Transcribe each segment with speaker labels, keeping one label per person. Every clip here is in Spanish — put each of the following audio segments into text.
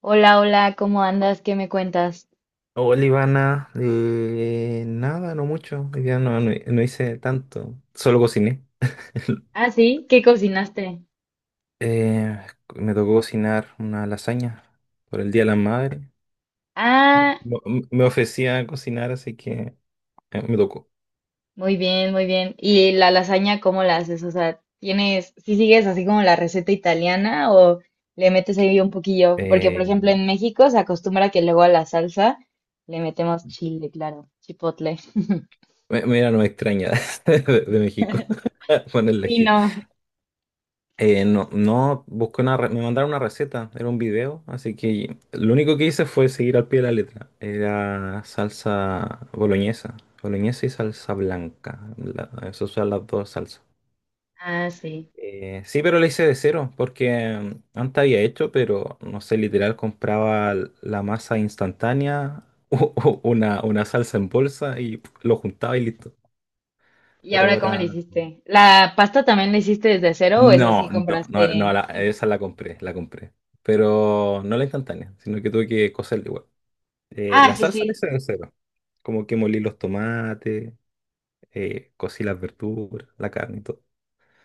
Speaker 1: Hola, hola, ¿cómo andas? ¿Qué me cuentas?
Speaker 2: Hola Ivana, nada, no mucho, hoy día no, no, no hice tanto, solo cociné.
Speaker 1: Ah, sí, ¿qué cocinaste?
Speaker 2: Eh, me tocó cocinar una lasaña por el Día de la Madre.
Speaker 1: Ah,
Speaker 2: Me ofrecía cocinar, así que me tocó.
Speaker 1: muy bien, muy bien. ¿Y la lasaña cómo la haces? O sea, ¿tienes, si sigues así como la receta italiana o le metes ahí un poquillo? Porque, por ejemplo,
Speaker 2: Eh,
Speaker 1: en México se acostumbra que luego a la salsa le metemos chile, claro, chipotle.
Speaker 2: mira, no me extraña de México ponerle
Speaker 1: Sí,
Speaker 2: ají.
Speaker 1: no.
Speaker 2: No, no, busqué una, me mandaron una receta, era un video, así que lo único que hice fue seguir al pie de la letra. Era salsa boloñesa, boloñesa y salsa blanca, esas son las dos salsas.
Speaker 1: Ah, sí.
Speaker 2: Sí, pero la hice de cero, porque antes había hecho, pero no sé, literal compraba la masa instantánea, una salsa en bolsa y pf, lo juntaba y listo.
Speaker 1: ¿Y
Speaker 2: Pero
Speaker 1: ahora cómo
Speaker 2: ahora...
Speaker 1: le hiciste? ¿La pasta también la hiciste desde cero o es
Speaker 2: No,
Speaker 1: así
Speaker 2: no, no, no,
Speaker 1: compraste?
Speaker 2: esa la compré, la compré. Pero no la instantánea, sino que tuve que cocerla igual.
Speaker 1: Ah,
Speaker 2: La
Speaker 1: sí,
Speaker 2: salsa la hice
Speaker 1: sí.
Speaker 2: de cero. Como que molí los tomates, cocí las verduras, la carne y todo.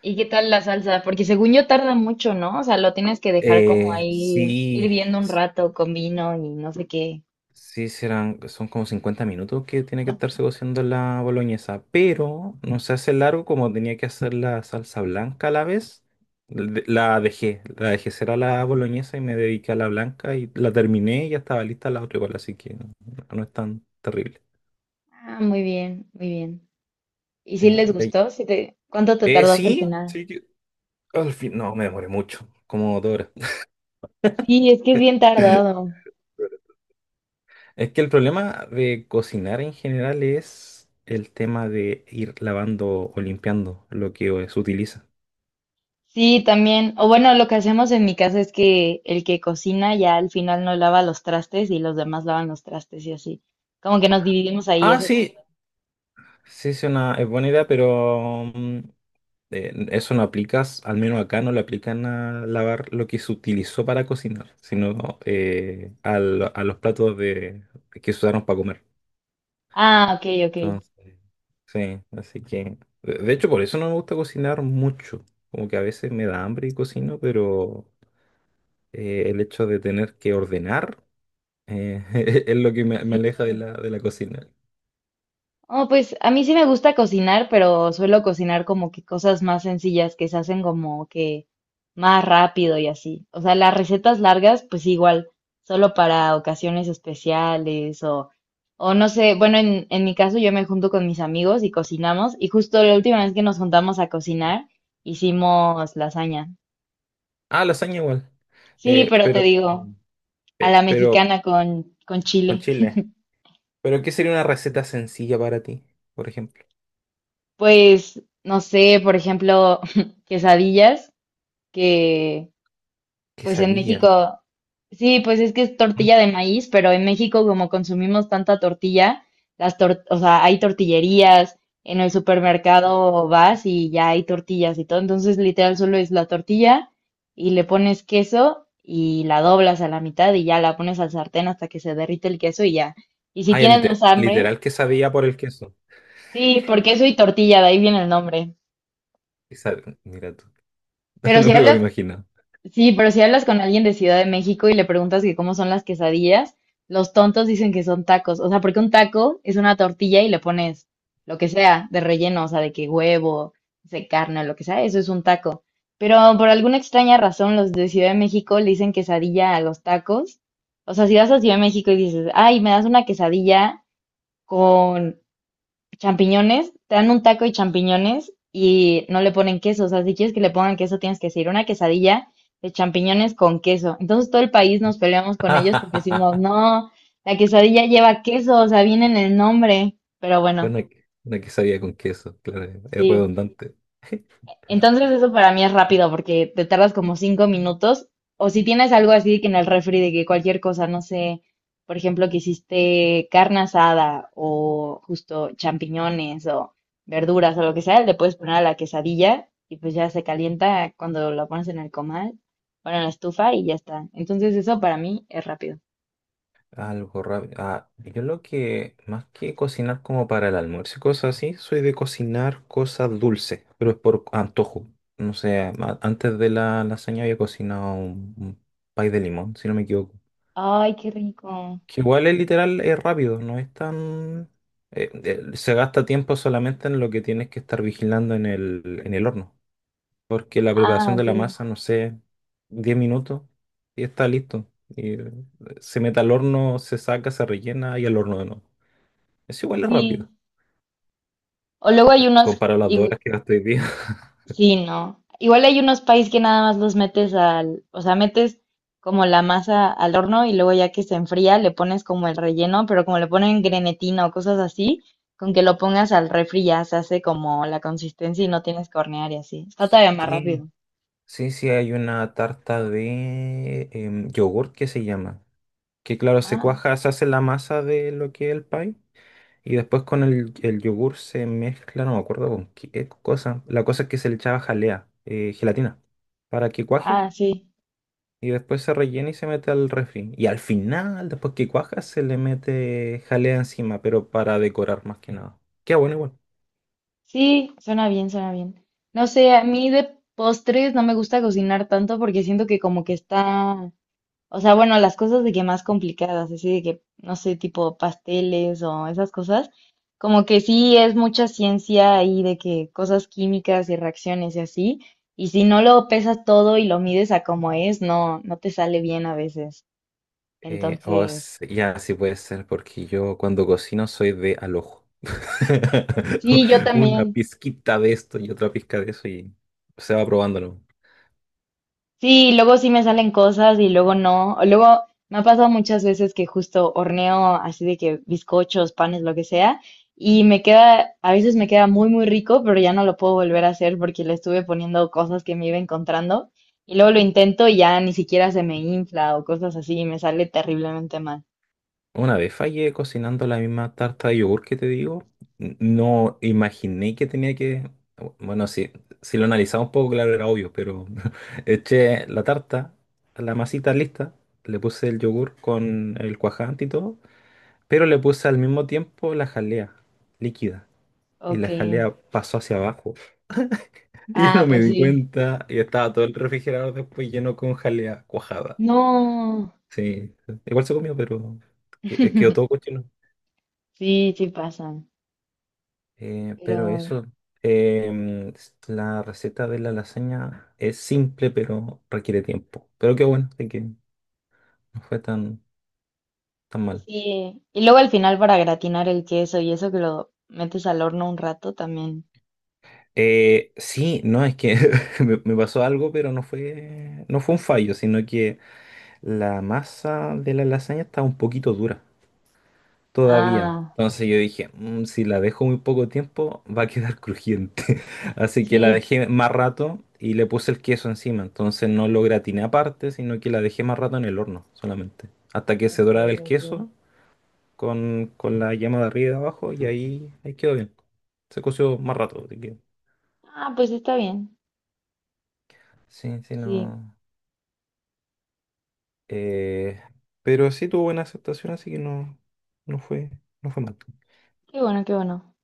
Speaker 1: ¿Y qué tal la salsa? Porque según yo tarda mucho, ¿no? O sea, lo tienes que dejar como ahí
Speaker 2: Sí,
Speaker 1: hirviendo un rato con vino y no sé qué.
Speaker 2: sí, serán, son como 50 minutos que tiene que estarse cociendo la boloñesa, pero no se hace largo como tenía que hacer la salsa blanca a la vez. La dejé ser a la boloñesa y me dediqué a la blanca y la terminé y ya estaba lista la otra igual, así que no, no es tan terrible.
Speaker 1: Ah, muy bien, muy bien. ¿Y
Speaker 2: Sí,
Speaker 1: si les
Speaker 2: y ahí-
Speaker 1: gustó? ¿Si te... ¿Cuánto te tardaste al
Speaker 2: sí,
Speaker 1: final?
Speaker 2: sí, al fin, no, me demoré mucho, como 2 horas.
Speaker 1: Sí, es que es bien tardado.
Speaker 2: Es que el problema de cocinar en general es el tema de ir lavando o limpiando lo que se utiliza.
Speaker 1: Sí, también. O bueno, lo que hacemos en mi casa es que el que cocina ya al final no lava los trastes y los demás lavan los trastes y así. Como que nos dividimos ahí
Speaker 2: Ah,
Speaker 1: eso.
Speaker 2: sí, sí, es una es buena idea, pero eso no aplicas, al menos acá no le aplican a lavar lo que se utilizó para cocinar, sino a los platos de, que se usaron para comer.
Speaker 1: Ah, ok, ok.
Speaker 2: Entonces, sí, así que, de hecho, por eso no me gusta cocinar mucho. Como que a veces me da hambre y cocino, pero el hecho de tener que ordenar eh, es lo que me
Speaker 1: Sí.
Speaker 2: aleja de la cocina.
Speaker 1: Oh, pues a mí sí me gusta cocinar, pero suelo cocinar como que cosas más sencillas que se hacen como que más rápido y así. O sea, las recetas largas, pues sí, igual, solo para ocasiones especiales o no sé, bueno, en mi caso yo me junto con mis amigos y cocinamos y justo la última vez que nos juntamos a cocinar hicimos lasaña.
Speaker 2: Ah, lasaña igual.
Speaker 1: Sí,
Speaker 2: Eh,
Speaker 1: pero te
Speaker 2: pero,
Speaker 1: digo, a
Speaker 2: eh,
Speaker 1: la
Speaker 2: pero
Speaker 1: mexicana con
Speaker 2: con
Speaker 1: chile.
Speaker 2: chile. ¿Pero qué sería una receta sencilla para ti, por ejemplo?
Speaker 1: Pues, no sé, por ejemplo, quesadillas que... Pues en
Speaker 2: Quesadilla.
Speaker 1: México, sí, pues es que es
Speaker 2: ¿Mm?
Speaker 1: tortilla de maíz, pero en México como consumimos tanta tortilla, o sea, hay tortillerías, en el supermercado vas y ya hay tortillas y todo, entonces literal solo es la tortilla y le pones queso y la doblas a la mitad y ya la pones al sartén hasta que se derrite el queso y ya. Y si
Speaker 2: Ah, ya,
Speaker 1: tienes más hambre,
Speaker 2: literal quesadilla por el queso.
Speaker 1: sí, por queso y tortilla, de ahí viene el nombre.
Speaker 2: Mira tú,
Speaker 1: Pero
Speaker 2: no me
Speaker 1: si
Speaker 2: lo hubiera
Speaker 1: hablas
Speaker 2: imaginado.
Speaker 1: sí, pero si hablas con alguien de Ciudad de México y le preguntas que cómo son las quesadillas, los tontos dicen que son tacos. O sea, porque un taco es una tortilla y le pones lo que sea de relleno, o sea, de que huevo, de carne, lo que sea, eso es un taco. Pero por alguna extraña razón, los de Ciudad de México le dicen quesadilla a los tacos. O sea, si vas a Ciudad de México y dices, ay, me das una quesadilla con champiñones, te dan un taco y champiñones y no le ponen queso. O sea, si quieres que le pongan queso, tienes que decir una quesadilla de champiñones con queso. Entonces todo el país nos peleamos con ellos porque decimos, no, la quesadilla lleva queso, o sea, viene en el nombre. Pero bueno,
Speaker 2: Una, una quesadilla con queso, claro, es
Speaker 1: sí.
Speaker 2: redundante.
Speaker 1: Entonces eso para mí es rápido porque te tardas como 5 minutos. O si tienes algo así que en el refri de que cualquier cosa, no sé, por ejemplo, que hiciste carne asada o justo champiñones o verduras o lo que sea, le puedes poner a la quesadilla y pues ya se calienta cuando lo pones en el comal, bueno, en la estufa y ya está. Entonces eso para mí es rápido.
Speaker 2: Algo rápido. Ah, yo lo que, más que cocinar como para el almuerzo y cosas así, soy de cocinar cosas dulces, pero es por antojo. No sé, antes de la lasaña había cocinado un pay de limón, si no me equivoco.
Speaker 1: Ay, qué rico.
Speaker 2: Que igual es literal, es rápido, no es tan... se gasta tiempo solamente en lo que tienes que estar vigilando en el horno porque la
Speaker 1: Ah,
Speaker 2: preparación de
Speaker 1: ok.
Speaker 2: la masa, no sé, 10 minutos y está listo. Y se mete al horno, se saca, se rellena y al horno de nuevo. Es igual es
Speaker 1: Sí.
Speaker 2: rápido,
Speaker 1: O luego hay unos,
Speaker 2: comparado a las 2 horas que gasté hoy día.
Speaker 1: sí, no. Igual hay unos países que nada más los metes al, o sea, metes como la masa al horno y luego ya que se enfría le pones como el relleno, pero como le ponen grenetina o cosas así, con que lo pongas al refri ya se hace como la consistencia y no tienes que hornear y así. Está todavía más
Speaker 2: Sí,
Speaker 1: rápido.
Speaker 2: sí, sí, hay una tarta de yogurt que se llama. Que claro, se
Speaker 1: Ah,
Speaker 2: cuaja, se hace la masa de lo que es el pie. Y después con el yogur se mezcla, no me acuerdo con qué cosa. La cosa es que se le echaba jalea, gelatina, para que cuaje.
Speaker 1: ah, sí.
Speaker 2: Y después se rellena y se mete al refri. Y al final, después que cuaja, se le mete jalea encima, pero para decorar más que nada. Queda bueno igual.
Speaker 1: Sí, suena bien, suena bien. No sé, a mí de postres no me gusta cocinar tanto porque siento que como que está. O sea, bueno, las cosas de que más complicadas, así de que, no sé, tipo pasteles o esas cosas, como que sí es mucha ciencia ahí de que cosas químicas y reacciones y así, y si no lo pesas todo y lo mides a como es, no, no te sale bien a veces. Entonces,
Speaker 2: Ya, sí puede ser, porque yo cuando cocino soy de al ojo.
Speaker 1: sí, yo
Speaker 2: Una
Speaker 1: también.
Speaker 2: pizquita de esto y otra pizca de eso y se va probándolo.
Speaker 1: Sí, luego sí me salen cosas y luego no. O luego me ha pasado muchas veces que justo horneo así de que bizcochos, panes, lo que sea, y me queda, a veces me queda muy, muy rico, pero ya no lo puedo volver a hacer porque le estuve poniendo cosas que me iba encontrando. Y luego lo intento y ya ni siquiera se me infla o cosas así y me sale terriblemente mal.
Speaker 2: Una vez fallé cocinando la misma tarta de yogur que te digo, no imaginé que tenía que... Bueno, sí, si lo analizaba un poco, claro, era obvio, pero eché la tarta, la masita lista, le puse el yogur con el cuajante y todo, pero le puse al mismo tiempo la jalea líquida y
Speaker 1: Ok.
Speaker 2: la jalea pasó hacia abajo. Y yo
Speaker 1: Ah,
Speaker 2: no me
Speaker 1: pues
Speaker 2: di
Speaker 1: sí.
Speaker 2: cuenta y estaba todo el refrigerador después lleno con jalea cuajada.
Speaker 1: No.
Speaker 2: Sí, igual se comió, pero quedó todo cochino.
Speaker 1: Sí, sí pasan.
Speaker 2: Eh, pero
Speaker 1: Pero
Speaker 2: eso, la receta de la lasaña es simple, pero requiere tiempo. Pero qué bueno, de que no fue tan, tan mal.
Speaker 1: sí, y luego al final para gratinar el queso y eso que lo metes al horno un rato también.
Speaker 2: Sí, no, es que me pasó algo, pero no fue un fallo, sino que la masa de la lasaña estaba un poquito dura todavía.
Speaker 1: Ah,
Speaker 2: Entonces yo dije: "Mm, si la dejo muy poco tiempo, va a quedar crujiente". Así que la
Speaker 1: sí.
Speaker 2: dejé más rato y le puse el queso encima. Entonces no lo gratiné aparte, sino que la dejé más rato en el horno solamente. Hasta que se
Speaker 1: Ok,
Speaker 2: doraba el
Speaker 1: ok.
Speaker 2: queso con la llama de arriba y de abajo y ahí, ahí quedó bien. Se coció más rato.
Speaker 1: Ah, pues está bien.
Speaker 2: Sí, sí,
Speaker 1: Sí,
Speaker 2: no. eh, pero sí tuvo buena aceptación, así que no, no fue, no fue mal.
Speaker 1: qué bueno, qué bueno.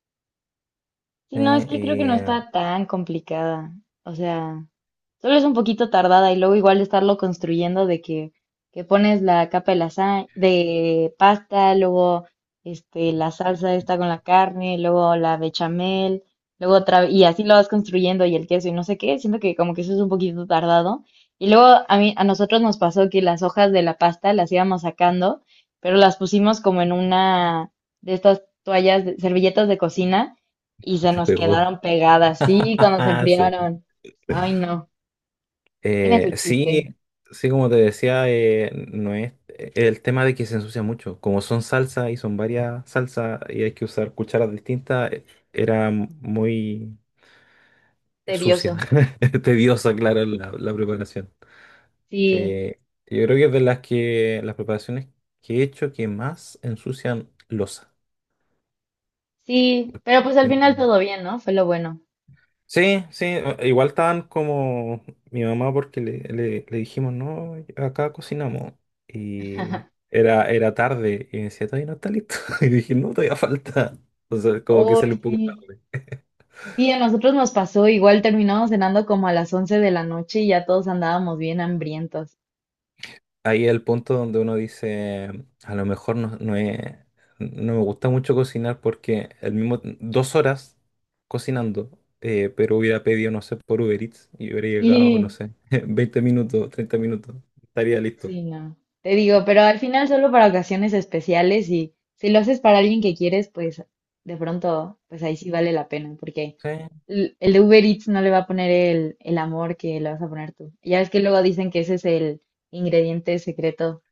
Speaker 1: Sí, no,
Speaker 2: Eh,
Speaker 1: es que creo que no
Speaker 2: eh,
Speaker 1: está tan complicada. O sea, solo es un poquito tardada y luego igual estarlo construyendo de que pones la capa de de pasta, luego este, la salsa esta con la carne, luego la bechamel, luego otra, y así lo vas construyendo y el queso y no sé qué, siento que como que eso es un poquito tardado. Y luego a mí, a nosotros nos pasó que las hojas de la pasta las íbamos sacando, pero las pusimos como en una de estas toallas, servilletas de cocina y se
Speaker 2: te
Speaker 1: nos
Speaker 2: pegó.
Speaker 1: quedaron pegadas, sí, cuando se
Speaker 2: Sí.
Speaker 1: enfriaron. Ay, no. Tiene su chiste,
Speaker 2: Sí, sí, como te decía, no es el tema de que se ensucia mucho. Como son salsa y son varias salsas y hay que usar cucharas distintas, era muy sucia,
Speaker 1: tedioso.
Speaker 2: tediosa, claro, la preparación.
Speaker 1: Sí,
Speaker 2: Sí, yo creo que es de las que las preparaciones que he hecho que más ensucian losa.
Speaker 1: sí, pero pues al final todo bien, ¿no? Fue lo bueno.
Speaker 2: Sí, sí, igual estaban como mi mamá porque le dijimos, no, acá cocinamos. Y era tarde y me decía, todavía no está listo. Y dije, no, todavía falta. Entonces, como que se
Speaker 1: Uy,
Speaker 2: le un poco...
Speaker 1: sí. Sí, a nosotros nos pasó, igual terminamos cenando como a las 11 de la noche y ya todos andábamos bien hambrientos.
Speaker 2: Ahí es el punto donde uno dice, a lo mejor no, no, no me gusta mucho cocinar porque el mismo, 2 horas cocinando, pero hubiera pedido, no sé, por Uber Eats y hubiera llegado, no
Speaker 1: Sí,
Speaker 2: sé, 20 minutos, 30 minutos, estaría listo.
Speaker 1: sí, no. Te digo, pero al final solo para ocasiones especiales y si lo haces para alguien que quieres, pues de pronto, pues ahí sí vale la pena, porque
Speaker 2: Sí.
Speaker 1: el de Uber Eats no le va a poner el amor que le vas a poner tú. Ya ves que luego dicen que ese es el ingrediente secreto.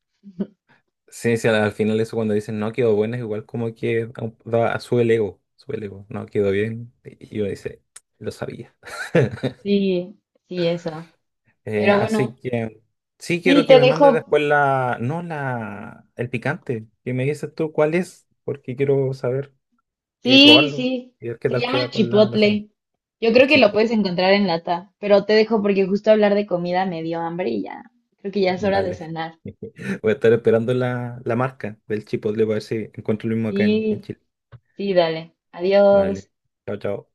Speaker 2: Sí, sí, al final eso cuando dicen no quedó bueno es igual como que da, sube el ego, no quedó bien. Y uno dice, lo sabía.
Speaker 1: Sí, sí, eso. Pero
Speaker 2: Así
Speaker 1: bueno,
Speaker 2: que sí quiero
Speaker 1: sí,
Speaker 2: que
Speaker 1: te
Speaker 2: me mandes
Speaker 1: dejo.
Speaker 2: después la, no la, el picante, que me dices tú cuál es, porque quiero saber,
Speaker 1: Sí,
Speaker 2: probarlo
Speaker 1: sí.
Speaker 2: y ver qué
Speaker 1: Se
Speaker 2: tal queda
Speaker 1: llama
Speaker 2: con la lasaña.
Speaker 1: Chipotle. Yo
Speaker 2: El
Speaker 1: creo que lo puedes
Speaker 2: chipotle,
Speaker 1: encontrar en lata, pero te dejo porque justo hablar de comida me dio hambre y ya. Creo que ya es hora de
Speaker 2: vale.
Speaker 1: cenar.
Speaker 2: Voy a estar esperando la marca del chipotle para ver si encuentro lo mismo acá en
Speaker 1: Sí,
Speaker 2: Chile.
Speaker 1: sí, dale. Adiós.
Speaker 2: Vale, chao, chao.